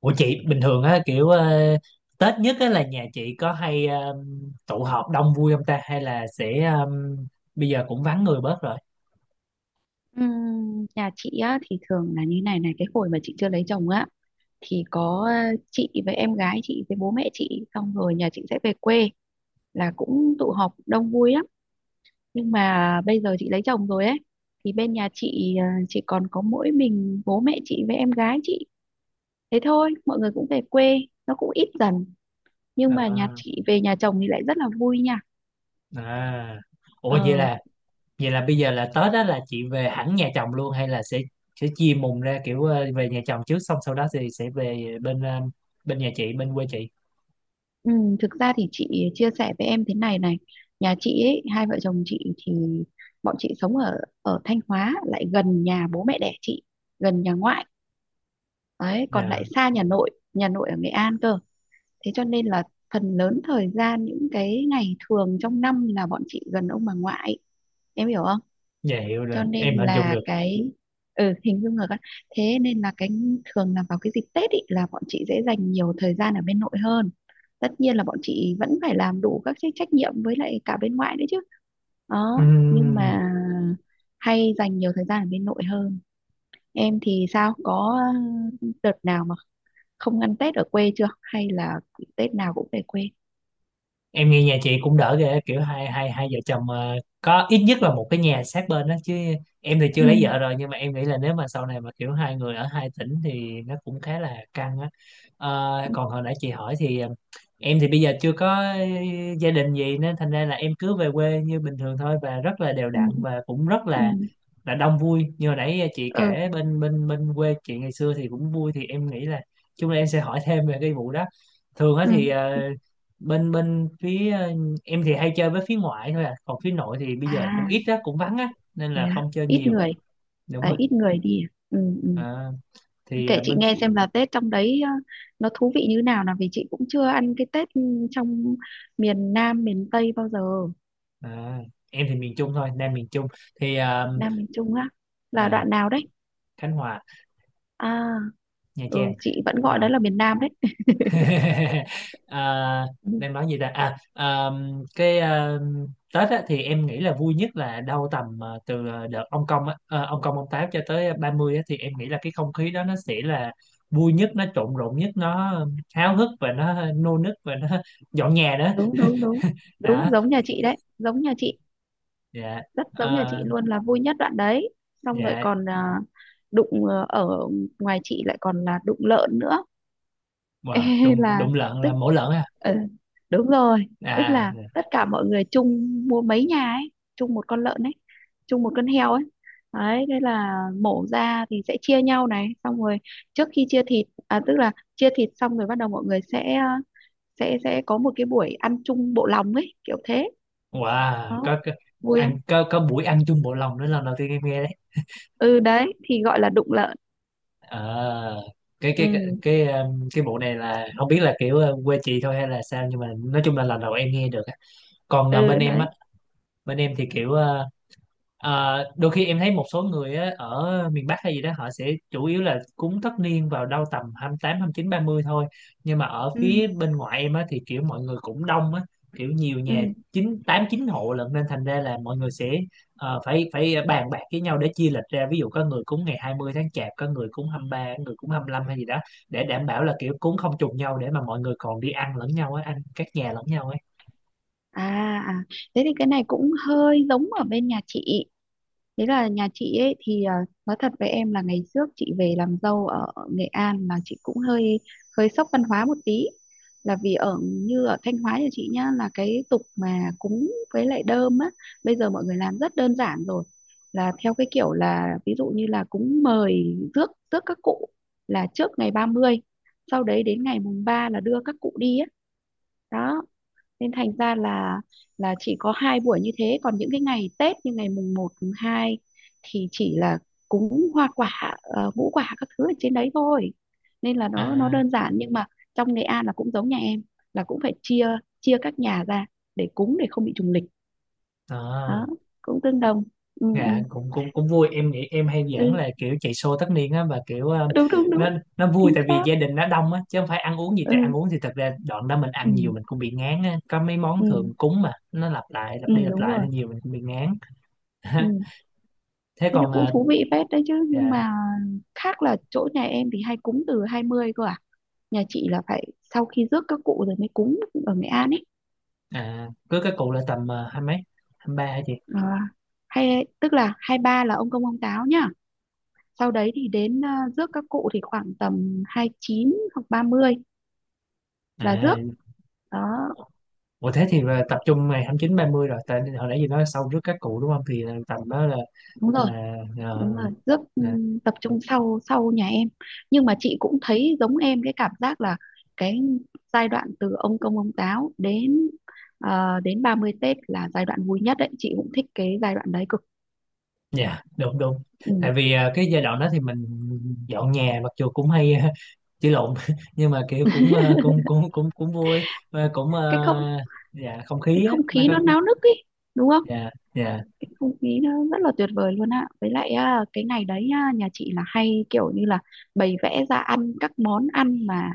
Ủa chị bình thường á kiểu Tết nhất á là nhà chị có hay tụ họp đông vui không ta, hay là sẽ bây giờ cũng vắng người bớt rồi. Nhà chị á thì thường là như này này, cái hồi mà chị chưa lấy chồng á thì có chị với em gái chị với bố mẹ chị, xong rồi nhà chị sẽ về quê là cũng tụ họp đông vui lắm. Nhưng mà bây giờ chị lấy chồng rồi ấy thì bên nhà chị chỉ còn có mỗi mình bố mẹ chị với em gái chị, thế thôi. Mọi người cũng về quê, nó cũng ít dần, nhưng mà nhà Ờ, chị về nhà chồng thì lại rất là vui nha. à. Ủa vậy Ờ. là vậy là bây giờ là Tết á là chị về hẳn nhà chồng luôn hay là sẽ chia mùng ra kiểu về nhà chồng trước xong sau đó thì sẽ về bên bên nhà chị, bên quê chị. Ừ, thực ra thì chị chia sẻ với em thế này này, nhà chị ấy, hai vợ chồng chị thì bọn chị sống ở ở Thanh Hóa, lại gần nhà bố mẹ đẻ chị, gần nhà ngoại đấy, còn lại Dạ, xa nhà nội, nhà nội ở Nghệ An cơ. Thế cho nên là phần lớn thời gian, những cái ngày thường trong năm là bọn chị gần ông bà ngoại, em hiểu không. dạ hiểu rồi, Cho nên em hình dung là được. cái ừ, hình dung rồi các. Thế nên là cái thường là vào cái dịp Tết ý, là bọn chị sẽ dành nhiều thời gian ở bên nội hơn. Tất nhiên là bọn chị vẫn phải làm đủ các cái trách nhiệm với lại cả bên ngoại nữa chứ, đó, nhưng Ừm. mà hay dành nhiều thời gian ở bên nội hơn. Em thì sao, có đợt nào mà không ăn Tết ở quê chưa, hay là Tết nào cũng về quê? Em nghe nhà chị cũng đỡ ghê, kiểu hai hai hai vợ chồng có ít nhất là một cái nhà sát bên đó chứ. Em thì chưa lấy vợ Ừ. rồi nhưng mà em nghĩ là nếu mà sau này mà kiểu hai người ở hai tỉnh thì nó cũng khá là căng á. Ờ, còn hồi nãy chị hỏi thì em thì bây giờ chưa có gia đình gì nên thành ra là em cứ về quê như bình thường thôi, và rất là đều Ừ. đặn và cũng rất Ừ. là đông vui. Như hồi nãy chị Ừ. kể bên bên bên quê chị ngày xưa thì cũng vui, thì em nghĩ là chung là em sẽ hỏi thêm về cái vụ đó. Thường á Ừ. thì Ừ. Bên bên phía em thì hay chơi với phía ngoại thôi à, còn phía nội thì bây giờ cũng À. ít á, cũng vắng á nên Thế là à? không chơi Ít nhiều. người. Đúng À, rồi. ít người đi à? Ừ. Ừ. Ờ, thì Kể chị bên nghe xem là Tết trong đấy nó thú vị như nào, nào vì chị cũng chưa ăn cái Tết trong miền Nam, miền Tây bao giờ. à, em thì miền Trung thôi, Nam miền Trung thì Nam miền Trung á, là à, đoạn nào đấy? Khánh Hòa, À, Nha ừ, Trang chị vẫn gọi đó rồi. là miền Nam đấy. à, Ừ, đang nói gì ta. Cái Tết á, thì em nghĩ là vui nhất là đâu tầm từ đợt ông công á, ông công ông táo cho tới 30 á, thì em nghĩ là cái không khí đó nó sẽ là vui nhất, nó trộn rộn nhất, nó háo hức và nó nô nức và nó dọn nhà đó. đúng đúng đúng, đúng Đó. giống nhà chị đấy, giống nhà chị, Dạ. rất giống nhà chị Ờ, luôn, là vui nhất đoạn đấy. Xong rồi dạ. còn à, đụng ở ngoài chị lại còn là đụng lợn nữa. Ê, Wow, đụng là đụng lợn là tức mổ lợn à? ờ, đúng rồi. Tức là À, tất cả mọi người chung mua mấy nhà ấy, chung một con lợn ấy, chung một con heo ấy. Đấy, thế là mổ ra thì sẽ chia nhau này, xong rồi trước khi chia thịt, à tức là chia thịt xong rồi bắt đầu mọi người sẽ sẽ có một cái buổi ăn chung bộ lòng ấy, kiểu thế. wow, Đó, có vui không? ăn, có buổi ăn chung bộ lòng nữa, lần đầu tiên em nghe. Ừ, đấy thì gọi là đụng lợn. Ờ, cái cái cái Ừ. cái cái vụ này là không biết là kiểu quê chị thôi hay là sao, nhưng mà nói chung là lần đầu em nghe được á. Còn Ừ bên em á, đấy. bên em thì kiểu đôi khi em thấy một số người á, ở miền Bắc hay gì đó họ sẽ chủ yếu là cúng tất niên vào đâu tầm hai hai tám, 29, 30 thôi. Nhưng mà ở Ừ. phía bên ngoại em á, thì kiểu mọi người cũng đông á, kiểu nhiều Ừ. nhà, chín tám chín hộ lận, nên thành ra là mọi người sẽ phải phải bàn bạc với nhau để chia lịch ra. Ví dụ có người cúng ngày 20 tháng Chạp, có người cúng 23, có người cúng 25 hay gì đó, để đảm bảo là kiểu cúng không trùng nhau để mà mọi người còn đi ăn lẫn nhau á, ăn các nhà lẫn nhau ấy. À, à, thế thì cái này cũng hơi giống ở bên nhà chị. Thế là nhà chị ấy thì à, nói thật với em là ngày trước chị về làm dâu ở Nghệ An là chị cũng hơi hơi sốc văn hóa một tí. Là vì ở như ở Thanh Hóa, nhà chị nhá, là cái tục mà cúng với lại đơm á, bây giờ mọi người làm rất đơn giản rồi. Là theo cái kiểu là ví dụ như là cúng mời rước rước các cụ là trước ngày 30, sau đấy đến ngày mùng 3 là đưa các cụ đi á. Đó, nên thành ra là chỉ có hai buổi như thế, còn những cái ngày Tết như ngày mùng 1 mùng 2 thì chỉ là cúng hoa quả ngũ quả các thứ ở trên đấy thôi, nên là nó À, đơn giản. Nhưng mà trong Nghệ An là cũng giống nhà em, là cũng phải chia chia các nhà ra để cúng, để không bị trùng lịch. à. Đó, cũng tương đồng. Ừ, Dạ ừ, cũng cũng cũng vui, em nghĩ em hay giỡn ừ. là kiểu chạy show tất niên á, và kiểu Đúng đúng nó đúng, nó vui chính tại vì xác. gia đình nó đông á, chứ không phải ăn uống gì, tại ăn Ừ, uống thì thật ra đoạn đó mình ừ, ăn nhiều mình cũng bị ngán á, có mấy món ừ, thường cúng mà nó lặp lại, ừ, lặp đi lặp đúng lại rồi. nên nhiều mình cũng bị ngán. Ừ. Thế Thế nó còn cũng à. thú vị phết đấy chứ, nhưng Dạ. mà khác là chỗ nhà em thì hay cúng từ 20 cơ à. Nhà chị là phải sau khi rước các cụ rồi mới cúng, ở Nghệ An ấy. À, cưới các cụ là tầm hai mấy, hai ba hả chị? À, hay tức là 23 là ông công ông táo nhá, sau đấy thì đến rước các cụ thì khoảng tầm 29 hoặc 30 là rước. À, Đó. ủa thế thì là tập trung ngày hai mươi chín, ba mươi rồi, tại hồi nãy gì nói sau rước các cụ đúng không thì là tầm đó là Đúng rồi, là ờ, đúng rồi rước. À, Tập trung sau sau nhà em. Nhưng mà chị cũng thấy giống em cái cảm giác là cái giai đoạn từ ông công ông táo đến đến 30 Tết là giai đoạn vui nhất đấy, chị cũng thích cái giai đoạn đấy cực. dạ đúng đúng, Ừ. tại vì cái giai đoạn đó thì mình dọn nhà, mặc dù cũng hay chửi lộn nhưng mà kiểu cũng cũng cũng cũng cũng vui. Và cũng Cái không, dạ không cái khí á không nó khí có. nó náo nức ấy, đúng không. Dạ. Dạ Cái không khí nó rất là tuyệt vời luôn ạ. Với lại à, cái ngày đấy à, nhà chị là hay kiểu như là bày vẽ ra ăn các món ăn mà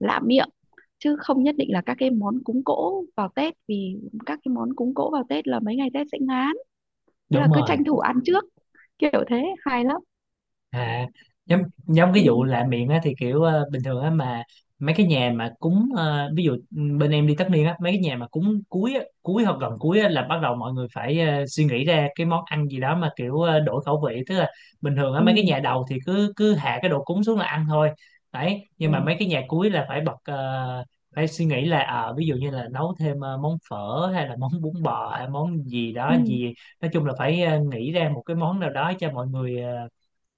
lạ miệng, chứ không nhất định là các cái món cúng cỗ vào Tết, vì các cái món cúng cỗ vào Tết là mấy ngày Tết sẽ ngán. Thế là đúng cứ rồi. tranh thủ ăn trước, kiểu thế, hay lắm. À, giống giống cái vụ Ừ. lạ miệng á thì kiểu bình thường á mà mấy cái nhà mà cúng ví dụ bên em đi tất niên á, mấy cái nhà mà cúng cuối á, cuối hoặc gần cuối á, là bắt đầu mọi người phải suy nghĩ ra cái món ăn gì đó mà kiểu đổi khẩu vị, tức là bình thường á Ừ. mấy cái nhà đầu thì cứ cứ hạ cái đồ cúng xuống là ăn thôi đấy. Ừ, Nhưng mà mấy cái nhà cuối là phải bật phải suy nghĩ là ví dụ như là nấu thêm món phở hay là món bún bò hay món gì ừ. đó gì, nói chung là phải nghĩ ra một cái món nào đó cho mọi người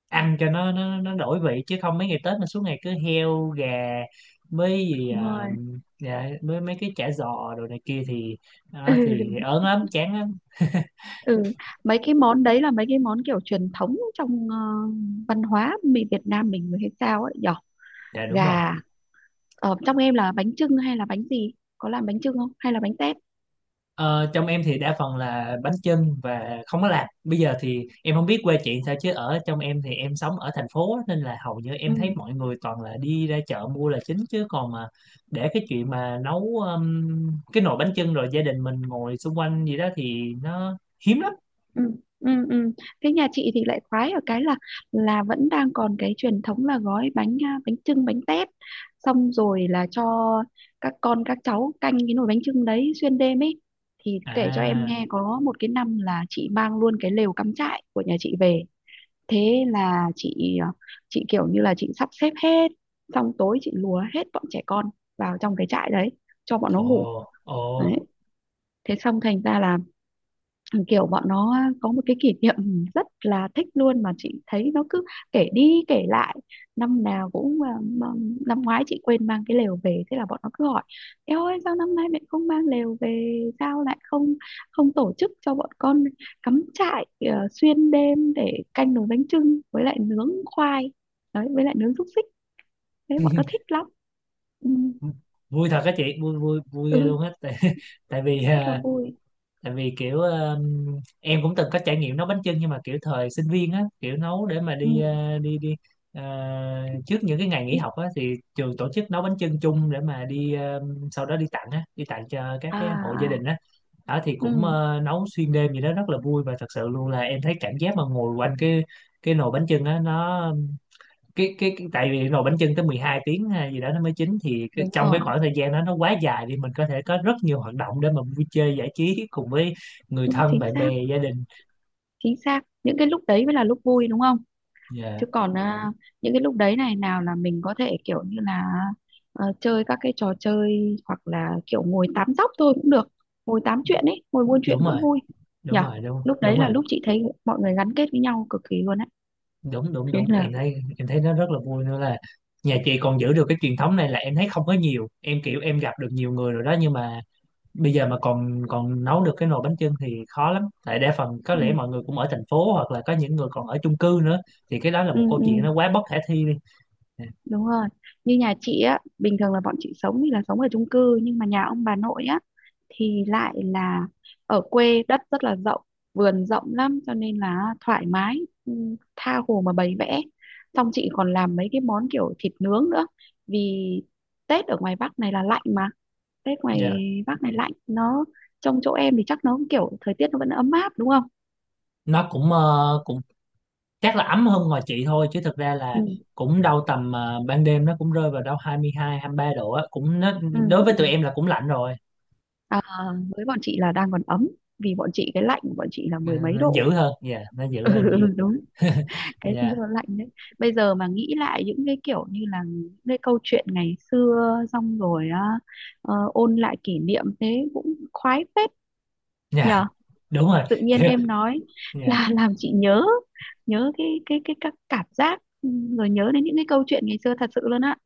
ăn cho nó nó đổi vị, chứ không mấy ngày Tết mà suốt ngày cứ heo gà với gì Đúng rồi. dạ, với mấy cái chả giò đồ này kia thì đó, thì, Ừ. thì ớn lắm, chán lắm. Ừ. Mấy cái món đấy là mấy cái món kiểu truyền thống trong văn hóa mình, Việt Nam mình hay sao ấy nhỉ, Dạ đúng rồi. gà. Ở trong em là bánh chưng hay là bánh gì, có làm bánh chưng không hay là bánh tét? Ờ, trong em thì đa phần là bánh chưng và không có làm. Bây giờ thì em không biết quê chị sao chứ ở trong em thì em sống ở thành phố á, nên là hầu như em thấy Ừ. mọi người toàn là đi ra chợ mua là chính, chứ còn mà để cái chuyện mà nấu cái nồi bánh chưng rồi gia đình mình ngồi xung quanh gì đó thì nó hiếm lắm. Ừ. Ừ. Ừ. Thế nhà chị thì lại khoái ở cái là vẫn đang còn cái truyền thống là gói bánh, à, bánh chưng bánh tét, xong rồi là cho các con các cháu canh cái nồi bánh chưng đấy xuyên đêm ấy. Thì kể cho em À. nghe, có một cái năm là chị mang luôn cái lều cắm trại của nhà chị về. Thế là chị chị kiểu như là chị sắp xếp hết, xong tối chị lùa hết bọn trẻ con vào trong cái trại đấy cho bọn nó ngủ. Ồ, ồ, Đấy, thế xong thành ra là kiểu bọn nó có một cái kỷ niệm rất là thích luôn, mà chị thấy nó cứ kể đi kể lại năm nào cũng à, năm ngoái chị quên mang cái lều về, thế là bọn nó cứ hỏi eo ơi sao năm nay mẹ không mang lều về, sao lại không, không tổ chức cho bọn con cắm trại xuyên đêm để canh nồi bánh chưng với lại nướng khoai, đấy, với lại nướng xúc xích. Thế bọn nó thích lắm. Ừ, vui thật á chị, vui vui vui ừ, ghê luôn á. Tại, tại vì rất là vui. tại vì kiểu em cũng từng có trải nghiệm nấu bánh chưng nhưng mà kiểu thời sinh viên á, kiểu nấu để mà Ừ, đi đi đi à, trước những cái ngày nghỉ biết. học á, thì trường tổ chức nấu bánh chưng chung để mà đi sau đó đi tặng á, đi tặng cho các À. cái hộ gia À, đình á. Đó thì cũng ừ, nấu xuyên đêm gì đó rất là vui, và thật sự luôn là em thấy cảm giác mà ngồi quanh cái nồi bánh chưng á nó, cái tại vì nồi bánh chưng tới 12 tiếng hay gì đó nó mới chín, thì cái, đúng trong cái rồi, khoảng thời gian đó nó quá dài thì mình có thể có rất nhiều hoạt động để mà vui chơi giải trí cùng với người đúng, thân, chính bạn xác, bè, gia đình. chính xác. Những cái lúc đấy mới là lúc vui, đúng không. Dạ Chứ còn ừ. À, những cái lúc đấy này, nào là mình có thể kiểu như là chơi các cái trò chơi, hoặc là kiểu ngồi tám dóc thôi cũng được, ngồi tám chuyện ấy, ngồi buôn chuyện đúng cũng rồi. vui. Đúng Nhở. rồi, đúng Lúc đấy đúng là rồi. lúc chị thấy mọi người gắn kết với nhau cực kỳ luôn á. Đúng đúng Thế đúng, là em thấy nó rất là vui nữa, là nhà chị còn giữ được cái truyền thống này, là em thấy không có nhiều, em kiểu em gặp được nhiều người rồi đó, nhưng mà bây giờ mà còn còn nấu được cái nồi bánh chưng thì khó lắm, tại đa phần có ừ, lẽ mọi người cũng ở thành phố hoặc là có những người còn ở chung cư nữa, thì cái đó là ừ, một câu chuyện ừ, nó quá bất khả thi đi. Dạ. đúng rồi. Như nhà chị á, bình thường là bọn chị sống thì là sống ở chung cư, nhưng mà nhà ông bà nội á thì lại là ở quê, đất rất là rộng, vườn rộng lắm, cho nên là thoải mái. Ừ, tha hồ mà bày vẽ. Xong chị còn làm mấy cái món kiểu thịt nướng nữa, vì Tết ở ngoài Bắc này là lạnh mà. Tết ngoài Dạ, Bắc này lạnh, nó trong chỗ em thì chắc nó cũng kiểu thời tiết nó vẫn ấm áp đúng không. nó cũng cũng chắc là ấm hơn ngoài chị thôi, chứ thực ra là Ừ. cũng đâu tầm ban đêm nó cũng rơi vào đâu hai mươi hai, hai mươi mươi ba độ á, cũng nó Ừ. đối với Ừ. tụi em là cũng lạnh rồi. À, với bọn chị là đang còn ấm, vì bọn chị cái lạnh của bọn chị là Nó, mười mấy nó độ. dữ hơn, dạ, nó dữ Ừ, hơn nhiều. đúng, cái Dạ, gió lạnh đấy. Bây giờ mà nghĩ lại những cái kiểu như là những cái câu chuyện ngày xưa xong rồi á, ôn lại kỷ niệm thế cũng khoái phết, dạ. nhờ. Đúng rồi, Tự nhiên kiểu em nói dạ. là làm chị nhớ, nhớ cái cái các cảm giác ừ, rồi nhớ đến những cái câu chuyện ngày xưa thật sự luôn á.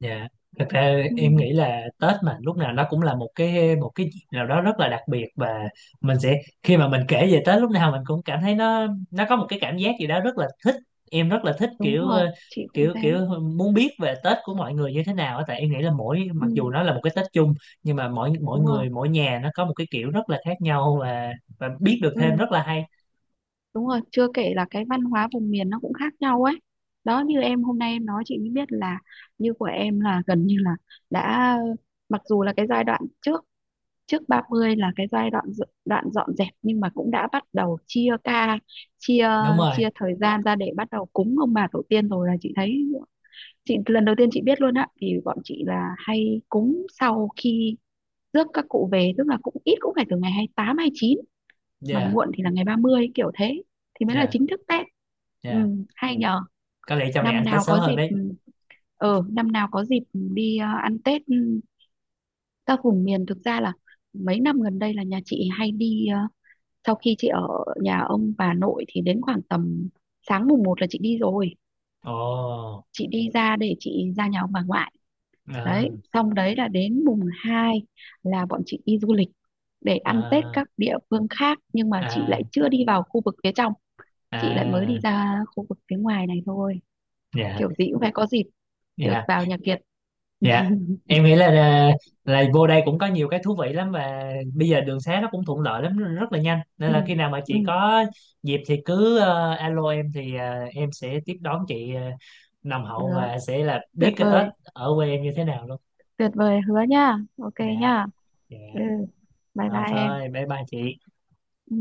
Dạ, thật ra Ừ, em nghĩ là Tết mà lúc nào nó cũng là một cái dịp nào đó rất là đặc biệt, và mình sẽ khi mà mình kể về Tết lúc nào mình cũng cảm thấy nó có một cái cảm giác gì đó rất là thích. Em rất là thích đúng kiểu rồi, chị cũng kiểu thế. kiểu muốn biết về Tết của mọi người như thế nào á, tại em nghĩ là Ừ, mặc dù nó là một cái Tết chung, nhưng mà mỗi mỗi đúng rồi. người mỗi nhà nó có một cái kiểu rất là khác nhau, và biết được thêm Ừ. rất là hay. Đúng rồi, chưa kể là cái văn hóa vùng miền nó cũng khác nhau ấy. Đó, như em hôm nay em nói chị mới biết là như của em là gần như là đã, mặc dù là cái giai đoạn trước, trước 30 là cái giai đoạn đoạn dọn dẹp, nhưng mà cũng đã bắt đầu chia ca, chia, Đúng rồi. chia thời gian ra để bắt đầu cúng ông bà tổ tiên rồi. Là chị thấy, chị lần đầu tiên chị biết luôn á, thì bọn chị là hay cúng sau khi rước các cụ về, tức là cũng ít cũng phải từ ngày 28, chín, mà Dạ, muộn thì là ngày 30 kiểu thế, thì mới là dạ, chính thức Tết. Ừ, dạ. hay nhờ. Có lẽ trong này Năm ăn Tết nào sớm có hơn dịp đấy. ừ, năm nào có dịp đi ăn Tết ừ, các vùng miền, thực ra là mấy năm gần đây là nhà chị hay đi sau khi chị ở nhà ông bà nội thì đến khoảng tầm sáng mùng 1 là chị đi rồi, Ồ. chị đi ra để chị ra nhà ông bà ngoại. À, Đấy, xong đấy là đến mùng 2 là bọn chị đi du lịch để ăn Tết à, các địa phương khác. Nhưng mà chị à. lại chưa đi vào khu vực phía trong, chị lại mới À, đi ra khu vực phía ngoài này thôi, dạ, kiểu gì cũng phải có dịp được dạ, vào nhà Kiệt. dạ. Em nghĩ là vô đây cũng có nhiều cái thú vị lắm, và bây giờ đường xá nó cũng thuận lợi lắm, rất là nhanh. Nên Ừ, là khi nào mà chị ừ, có dịp thì cứ alo em thì em sẽ tiếp đón chị nồng được, hậu và sẽ là tuyệt biết cái Tết vời, ở quê em như thế nào luôn. tuyệt vời, hứa nha, ok Dạ, nha. Ừ, dạ. bye Rồi bye em. thôi, bye bye chị. Ừ.